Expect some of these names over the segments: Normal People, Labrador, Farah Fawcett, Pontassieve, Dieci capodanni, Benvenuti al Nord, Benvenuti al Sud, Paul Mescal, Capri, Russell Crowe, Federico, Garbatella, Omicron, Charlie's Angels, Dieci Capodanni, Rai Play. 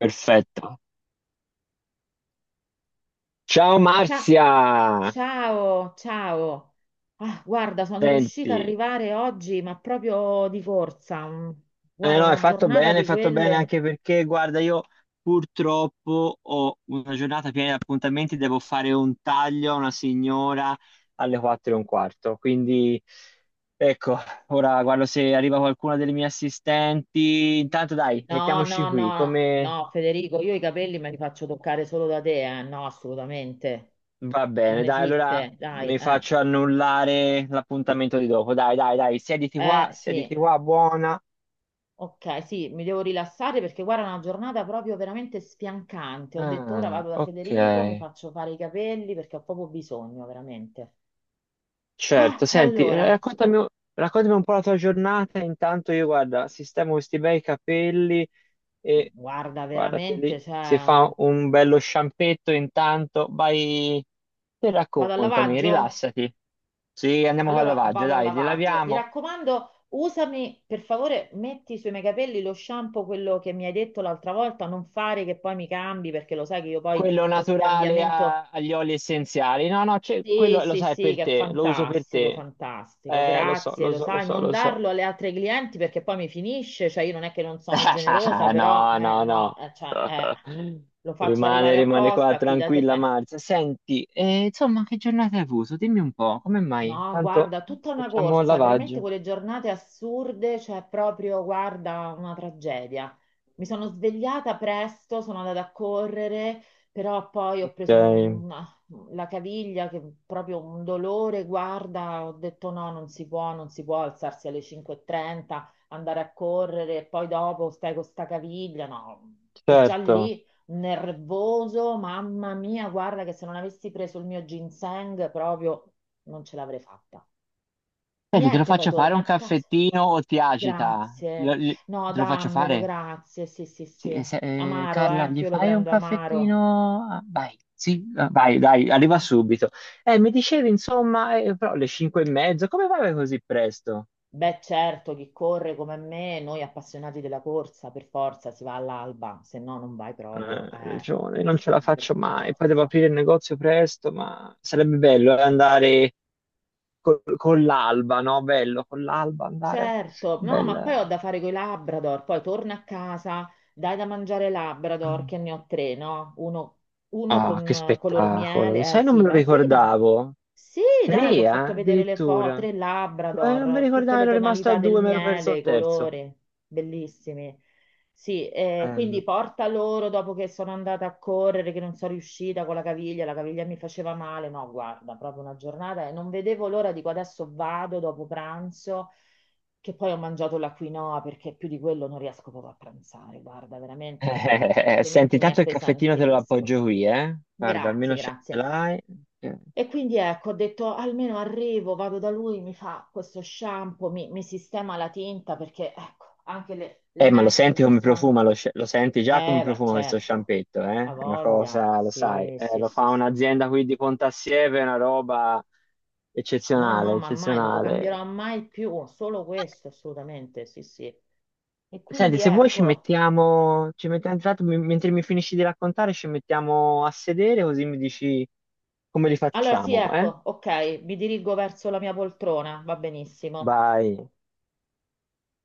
Perfetto. Ciao Cia- Marzia! Ciao, ciao. Ah, guarda, sono riuscita ad Senti, arrivare oggi, ma proprio di corsa. Guarda, no, una giornata hai di fatto bene quelle. anche perché, guarda, io purtroppo ho una giornata piena di appuntamenti, devo fare un taglio a una signora alle 4 e un quarto, quindi ecco, ora guardo se arriva qualcuna delle mie assistenti. Intanto dai, No, mettiamoci no, qui, no, come no, Federico, io i capelli me li faccio toccare solo da te, eh. No, assolutamente. va Non bene? Dai, allora esiste, dai, mi eh. faccio annullare l'appuntamento di dopo. Dai, dai, dai, siediti Sì. qua, buona. Ok, sì, mi devo rilassare perché guarda, è una giornata proprio veramente sfiancante. Ho detto ora Ah, vado da ok, Federico, mi faccio fare i capelli perché ho proprio bisogno, veramente. Ah, certo. Senti, allora, raccontami, raccontami un po' la tua giornata. Intanto io, guarda, sistemo questi bei capelli e guarda, guardate veramente, lì, si cioè, fa un bello sciampetto intanto. Vai e vado al raccontami, lavaggio? rilassati. Sì, andiamo al Allora lavaggio, vado al dai, li lavaggio. Mi laviamo. raccomando, usami, per favore, metti sui miei capelli lo shampoo, quello che mi hai detto l'altra volta, non fare che poi mi cambi, perché lo sai che io poi Quello ogni naturale cambiamento... agli oli essenziali. No, no, Sì, quello lo sì, sai è sì, per che è te, lo uso per fantastico, te. fantastico, Lo so, grazie, lo lo so, lo sai, so, non lo so. darlo alle altre clienti perché poi mi finisce, cioè io non è che non sono generosa, però, No, no, no. no, cioè, lo faccio Rimane, arrivare rimane qua apposta qui da te, tranquilla eh. Marzia. Senti, insomma, che giornata hai avuto? Dimmi un po', come mai? No, Tanto guarda, tutta una facciamo il corsa, veramente lavaggio. quelle giornate assurde, cioè proprio, guarda, una tragedia. Mi sono svegliata presto, sono andata a correre, però poi ho preso Ok, la caviglia che proprio un dolore, guarda, ho detto no, non si può, non si può alzarsi alle 5:30, andare a correre e poi dopo stai con sta caviglia, no. E già certo. lì nervoso, mamma mia, guarda che se non avessi preso il mio ginseng proprio non ce l'avrei fatta. Senti, te lo Niente, poi faccio fare torna un a casa. caffettino o ti agita? Grazie. No, Te lo faccio dammelo, fare? grazie. Sì, sì, Sì, sì. Amaro, Carla, che gli io lo fai un prendo amaro. caffettino? Ah, vai, sì, ah, vai, dai, arriva subito. Mi dicevi, insomma, però le cinque e mezzo, come vai così presto? Beh, certo, chi corre come me, noi appassionati della corsa, per forza si va all'alba, se no non vai proprio. Ragione, io non ce Sì, la per faccio mai. Poi devo forza. aprire il negozio presto, ma sarebbe bello andare con l'alba, no? Bello, con l'alba andare. Certo, no, ma poi Bel... ho da fare coi Labrador, poi torno a casa, dai da mangiare ai Labrador, che ne ho tre, no? Uno Ah, con che color spettacolo! Lo miele, eh sai, non me sì, lo ma sai, ma ricordavo. sì, Tre, dai, ti ho fatto vedere le foto, addirittura. tre Non mi Labrador, tutte ricordavo, le ero rimasto a tonalità del due, mi ero perso miele, il i terzo. colori, bellissimi. Sì, quindi Bello. porta loro dopo che sono andata a correre, che non sono riuscita con la caviglia mi faceva male, no, guarda, proprio una giornata e non vedevo l'ora, dico adesso vado dopo pranzo che poi ho mangiato la quinoa perché più di quello non riesco proprio a pranzare, guarda, veramente perché altrimenti Senti, mi tanto il caffettino te lo appesantisco. appoggio qui, eh? Guarda, Grazie, almeno ce grazie. l'hai. E quindi ecco, ho detto almeno arrivo, vado da lui, mi fa questo shampoo, mi sistema la tinta perché ecco, anche le Ma lo mesh mi senti si come stanno... profuma, lo senti già come ma profuma questo certo, sciampetto, ha eh? È una voglia. cosa, lo sai, Sì, sì, lo sì, fa sì, un'azienda sì. qui di Pontassieve, è una roba No, no, eccezionale, ma mai, non lo cambierò eccezionale. mai più, solo questo assolutamente, sì, sì. E Senti, quindi se vuoi ci ecco... mettiamo, ci mettiamo intanto, mentre mi finisci di raccontare, ci mettiamo a sedere così mi dici come li Allora sì, facciamo, eh? ecco, ok, mi dirigo verso la mia poltrona, va benissimo. Vai,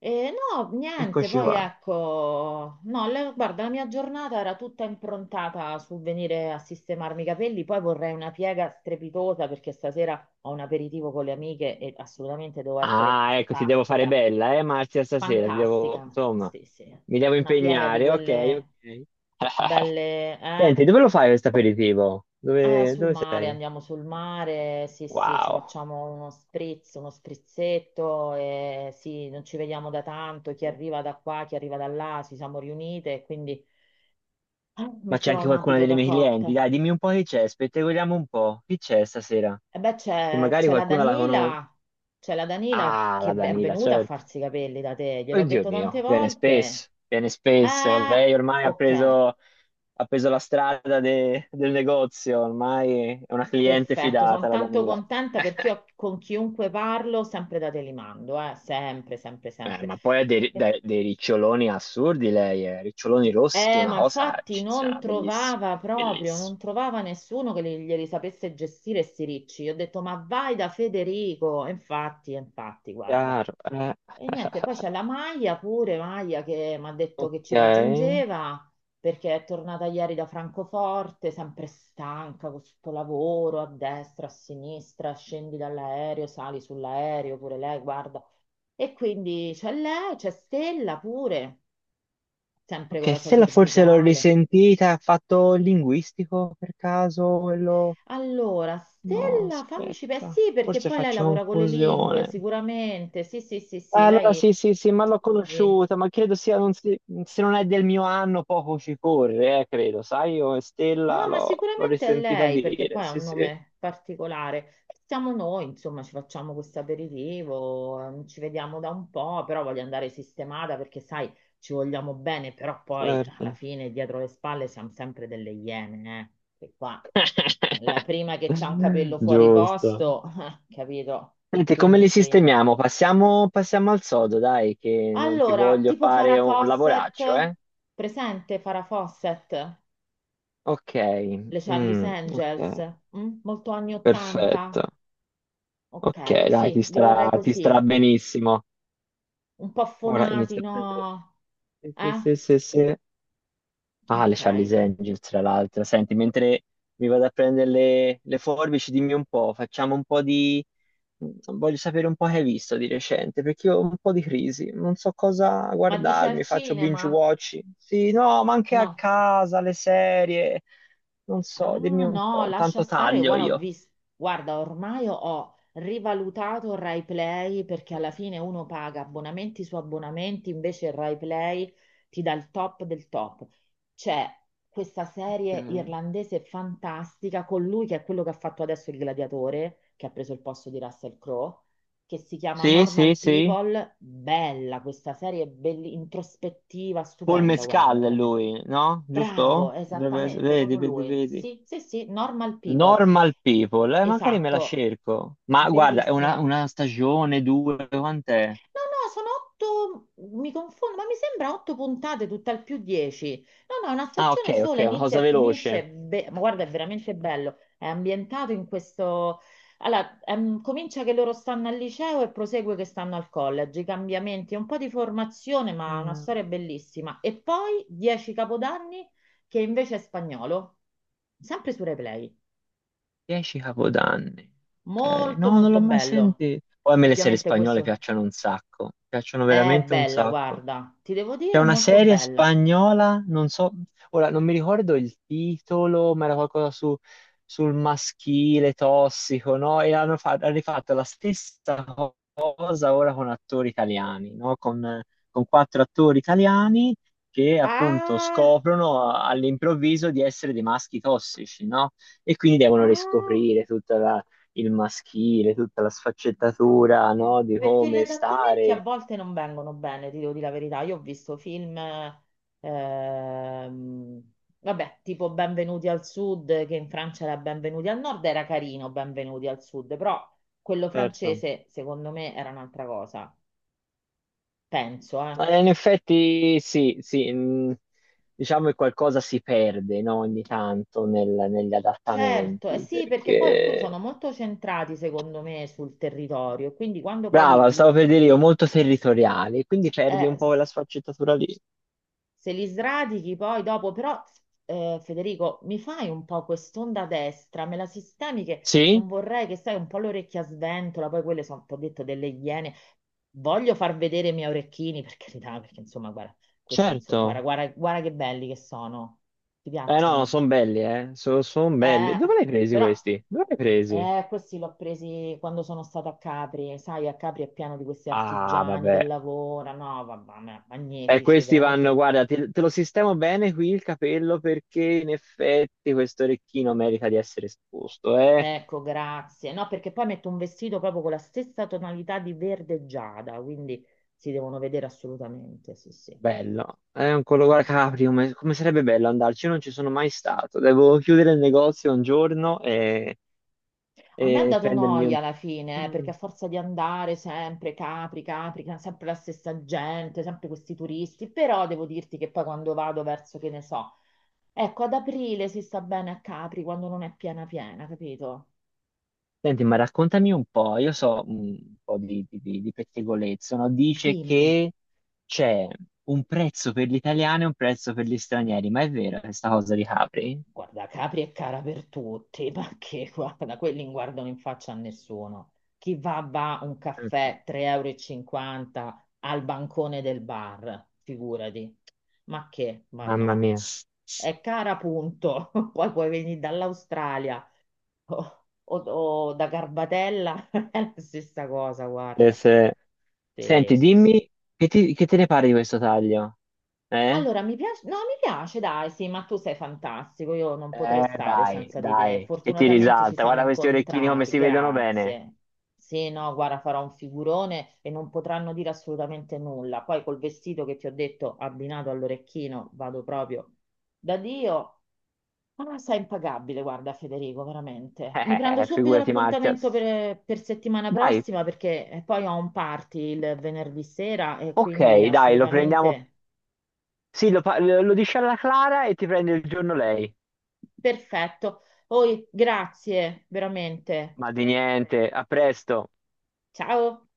E no, niente, eccoci poi qua. ecco, no, guarda, la mia giornata era tutta improntata sul venire a sistemarmi i capelli, poi vorrei una piega strepitosa perché stasera ho un aperitivo con le amiche e assolutamente devo essere Ah, ecco, ti devo fare fantastica, bella, Marzia, stasera, ti devo, fantastica, insomma, sì, sì, mi devo una piega di impegnare, ok, quelle ok. belle, eh? Senti, dove lo fai questo aperitivo? Dove, Sul dove mare, sei? andiamo sul mare, sì, sì, ci Wow, facciamo uno spritz, uno sprizzetto, e sì, non ci vediamo da tanto, chi boh, arriva da qua, chi arriva da là, ci siamo riunite, e quindi ma c'è metterò anche un qualcuna abito delle da mie clienti. cocktail. Dai, dimmi un po' chi c'è, spettacoliamo un po'. Chi c'è stasera? E beh, Che c'è magari c'è la qualcuna la conosce. Danila, c'è la Danila Ah, la che è Danila, venuta a certo. farsi i capelli da te, gliel'ho Oddio detto tante mio, viene volte. spesso, viene spesso. Eh, Lei ormai ok. Ha preso la strada del negozio, ormai è una cliente Perfetto, sono fidata, la tanto Danila. contenta perché io con chiunque parlo sempre da te li mando, sempre, sempre, sempre. ma poi ha E- dei riccioloni assurdi lei, eh. Riccioloni rossi, una ma cosa infatti non eccezionale, bellissima, trovava proprio, non bellissima. trovava nessuno che glieli sapesse gestire sti ricci. Io ho detto, ma vai da Federico. E infatti, guarda. Chiaro, eh. E niente, poi c'è la Maia pure, Maia che mi ha detto che Ok. ci raggiungeva perché è tornata ieri da Francoforte, sempre stanca con questo lavoro a destra, a sinistra, scendi dall'aereo, sali sull'aereo, pure lei, guarda. E quindi c'è lei, c'è Stella pure, sempre con Ok, la sua Stella forse l'ho cervicale. risentita, ha fatto linguistico per caso quello... Allora, No, Stella, aspetta, sì, perché forse poi lei faccio lavora con le lingue, confusione. sicuramente, sì, sì, sì, sì, Ah, allora lei... sì, sì, sì, ma l'ho sì. conosciuta, ma non se non è del mio anno poco ci corre, credo, sai, io Stella No, ma l'ho sicuramente è risentita lei, perché dire, poi ha sì, un sì, nome particolare. Siamo noi, insomma, ci facciamo questo aperitivo, ci vediamo da un po', però voglio andare sistemata perché, sai, ci vogliamo bene, però poi alla certo. fine dietro le spalle siamo sempre delle iene, eh? Che qua la prima che c'ha un capello fuori Giusto. posto, capito? Senti, come li Quindi devi andare. sistemiamo? Passiamo, passiamo al sodo, dai, che non ti Allora, voglio tipo fare Farah un Fawcett, lavoraccio, eh? presente Farah Fawcett? Ok, Le Charlie's mm, Angels, ok, mm? Molto anni 80? perfetto. Ok, Ok, dai, sì, li vorrei ti starà così, benissimo. un po' Ora affonati, inizia a prendere. no? Sì, sì, Eh? sì, sì, sì. Ah, le Ok. Charlie's Angels, tra l'altro. Senti, mentre mi vado a prendere le forbici, dimmi un po', facciamo un po' di... mm, Voglio sapere un po' che hai visto di recente, perché io ho un po' di crisi, non so cosa Ma dici al guardarmi, faccio cinema? binge watch. Sì, no, ma anche a No. casa, le serie, non so, dimmi Ah un no, po', lascia intanto stare, taglio guarda, ho io. visto, guarda, ormai ho rivalutato il Rai Play perché alla fine uno paga abbonamenti su abbonamenti, invece il Rai Play ti dà il top del top. C'è questa serie Ok. irlandese fantastica con lui che è quello che ha fatto adesso il gladiatore, che ha preso il posto di Russell Crowe, che si chiama Sì, sì, Normal sì. People. Bella questa serie, introspettiva, Paul stupenda, guarda, Mescal è veramente. lui, no? Bravo, Giusto? Esattamente, Vedi, proprio vedi, lui. vedi. Sì, sì, sì, Normal People. Normal People, magari me la Esatto, cerco. Ma guarda, è bellissima. una stagione, due, quant'è? No, no, sono otto, mi confondo, ma mi sembra otto puntate, tutt'al più 10. No, no, una Ah, ok, stagione ok, sola, è una inizia cosa e finisce, veloce. Ma guarda, è veramente bello. È ambientato in questo... Allora, comincia che loro stanno al liceo e prosegue che stanno al college, i cambiamenti, un po' di formazione, ma una Mm, storia bellissima. E poi Dieci Capodanni, che invece è spagnolo, sempre su Replay. Dieci capodanni. Ok, Molto, no, non molto l'ho mai bello. sentito. Poi a me le serie Ovviamente spagnole questo... piacciono un sacco, piacciono È veramente un bella, sacco. guarda, ti devo C'è dire, è una molto serie bella. spagnola, non so, ora non mi ricordo il titolo, ma era qualcosa su, sul maschile tossico, no? E hanno rifatto la stessa cosa ora con attori italiani, no? Con quattro attori italiani che appunto Ah, scoprono all'improvviso di essere dei maschi tossici, no? E quindi devono ah, riscoprire il maschile, tutta la ah, sfaccettatura, no? Di perché gli come adattamenti a stare. volte non vengono bene, ti devo dire la verità. Io ho visto film, ehm, vabbè, tipo Benvenuti al Sud, che in Francia era Benvenuti al Nord, era carino Benvenuti al Sud, però quello Certo. francese, secondo me, era un'altra cosa, penso, eh. In effetti sì, sì, diciamo che qualcosa si perde, no, ogni tanto negli Certo, eh adattamenti, sì, perché poi alcuni sono perché molto centrati, secondo me, sul territorio, quindi quando poi brava, stavo per dire io, molto territoriali, quindi perdi eh, un po' s- quella sfaccettatura lì. se li sradichi poi dopo, però Federico, mi fai un po' quest'onda destra, me la sistemi che Sì, non vorrei che sai un po' l'orecchia sventola, poi quelle sono, ti ho detto, delle iene. Voglio far vedere i miei orecchini, per carità, perché insomma, guarda, questi, insomma, guarda, certo. guarda, guarda che belli che sono. Ti Eh no, piacciono? sono belli, sono belli. Dove Eh, li hai presi però questi? Dove li hai presi? Questi l'ho presi quando sono stata a Capri, sai, a Capri è pieno di questi Ah, artigiani che vabbè. lavorano, no, vabbè, E magnifici, questi vanno, veramente. guarda, te, te lo sistemo bene qui il capello perché in effetti questo orecchino merita di essere esposto, eh. Ecco, grazie. No, perché poi metto un vestito proprio con la stessa tonalità di verde giada, quindi si devono vedere assolutamente, sì, sì. Bello, è un colo Ok. Capri, come, come sarebbe bello andarci? Io non ci sono mai stato, devo chiudere il negozio un giorno A me ha e dato prendermi un... noia alla fine, perché Mm. a forza di andare sempre Capri, Capri, sempre la stessa gente, sempre questi turisti, però devo dirti che poi quando vado verso, che ne so, ecco, ad aprile si sta bene a Capri quando non è piena piena, capito? Senti, ma raccontami un po', io so mm, un po' di pettegolezzo, no? Dice Dimmi. che c'è un prezzo per gli italiani e un prezzo per gli stranieri, ma è vero questa cosa di Capri? Guarda, Capri è cara per tutti, ma che guarda, quelli non guardano in faccia a nessuno. Chi va un Ok. caffè 3,50 € e cinquanta al bancone del bar, figurati. Ma che? Ma Mamma no. mia. È cara, punto. Poi puoi venire dall'Australia o da Garbatella, è la stessa cosa, Eh, guarda. se- Sì, Senti, sì, sì. dimmi, che te ne pare di questo taglio? Eh? Allora, mi piace, no, mi piace, dai, sì, ma tu sei fantastico, io non potrei stare Dai, senza di te. dai, che ti Fortunatamente ci risalta. siamo Guarda questi orecchini come incontrati, si vedono bene. grazie. Sì, no, guarda, farò un figurone e non potranno dire assolutamente nulla. Poi col vestito che ti ho detto, abbinato all'orecchino, vado proprio da Dio. Ah, sei impagabile, guarda, Federico, veramente. Mi prendo subito Figurati, Marzia. l'appuntamento per settimana Dai, prossima perché poi ho un party il venerdì sera e quindi ok, dai, lo prendiamo. assolutamente... Sì, lo dici alla Clara e ti prende il giorno lei. Perfetto. Poi, grazie, veramente. Ma di niente, a presto. Ciao.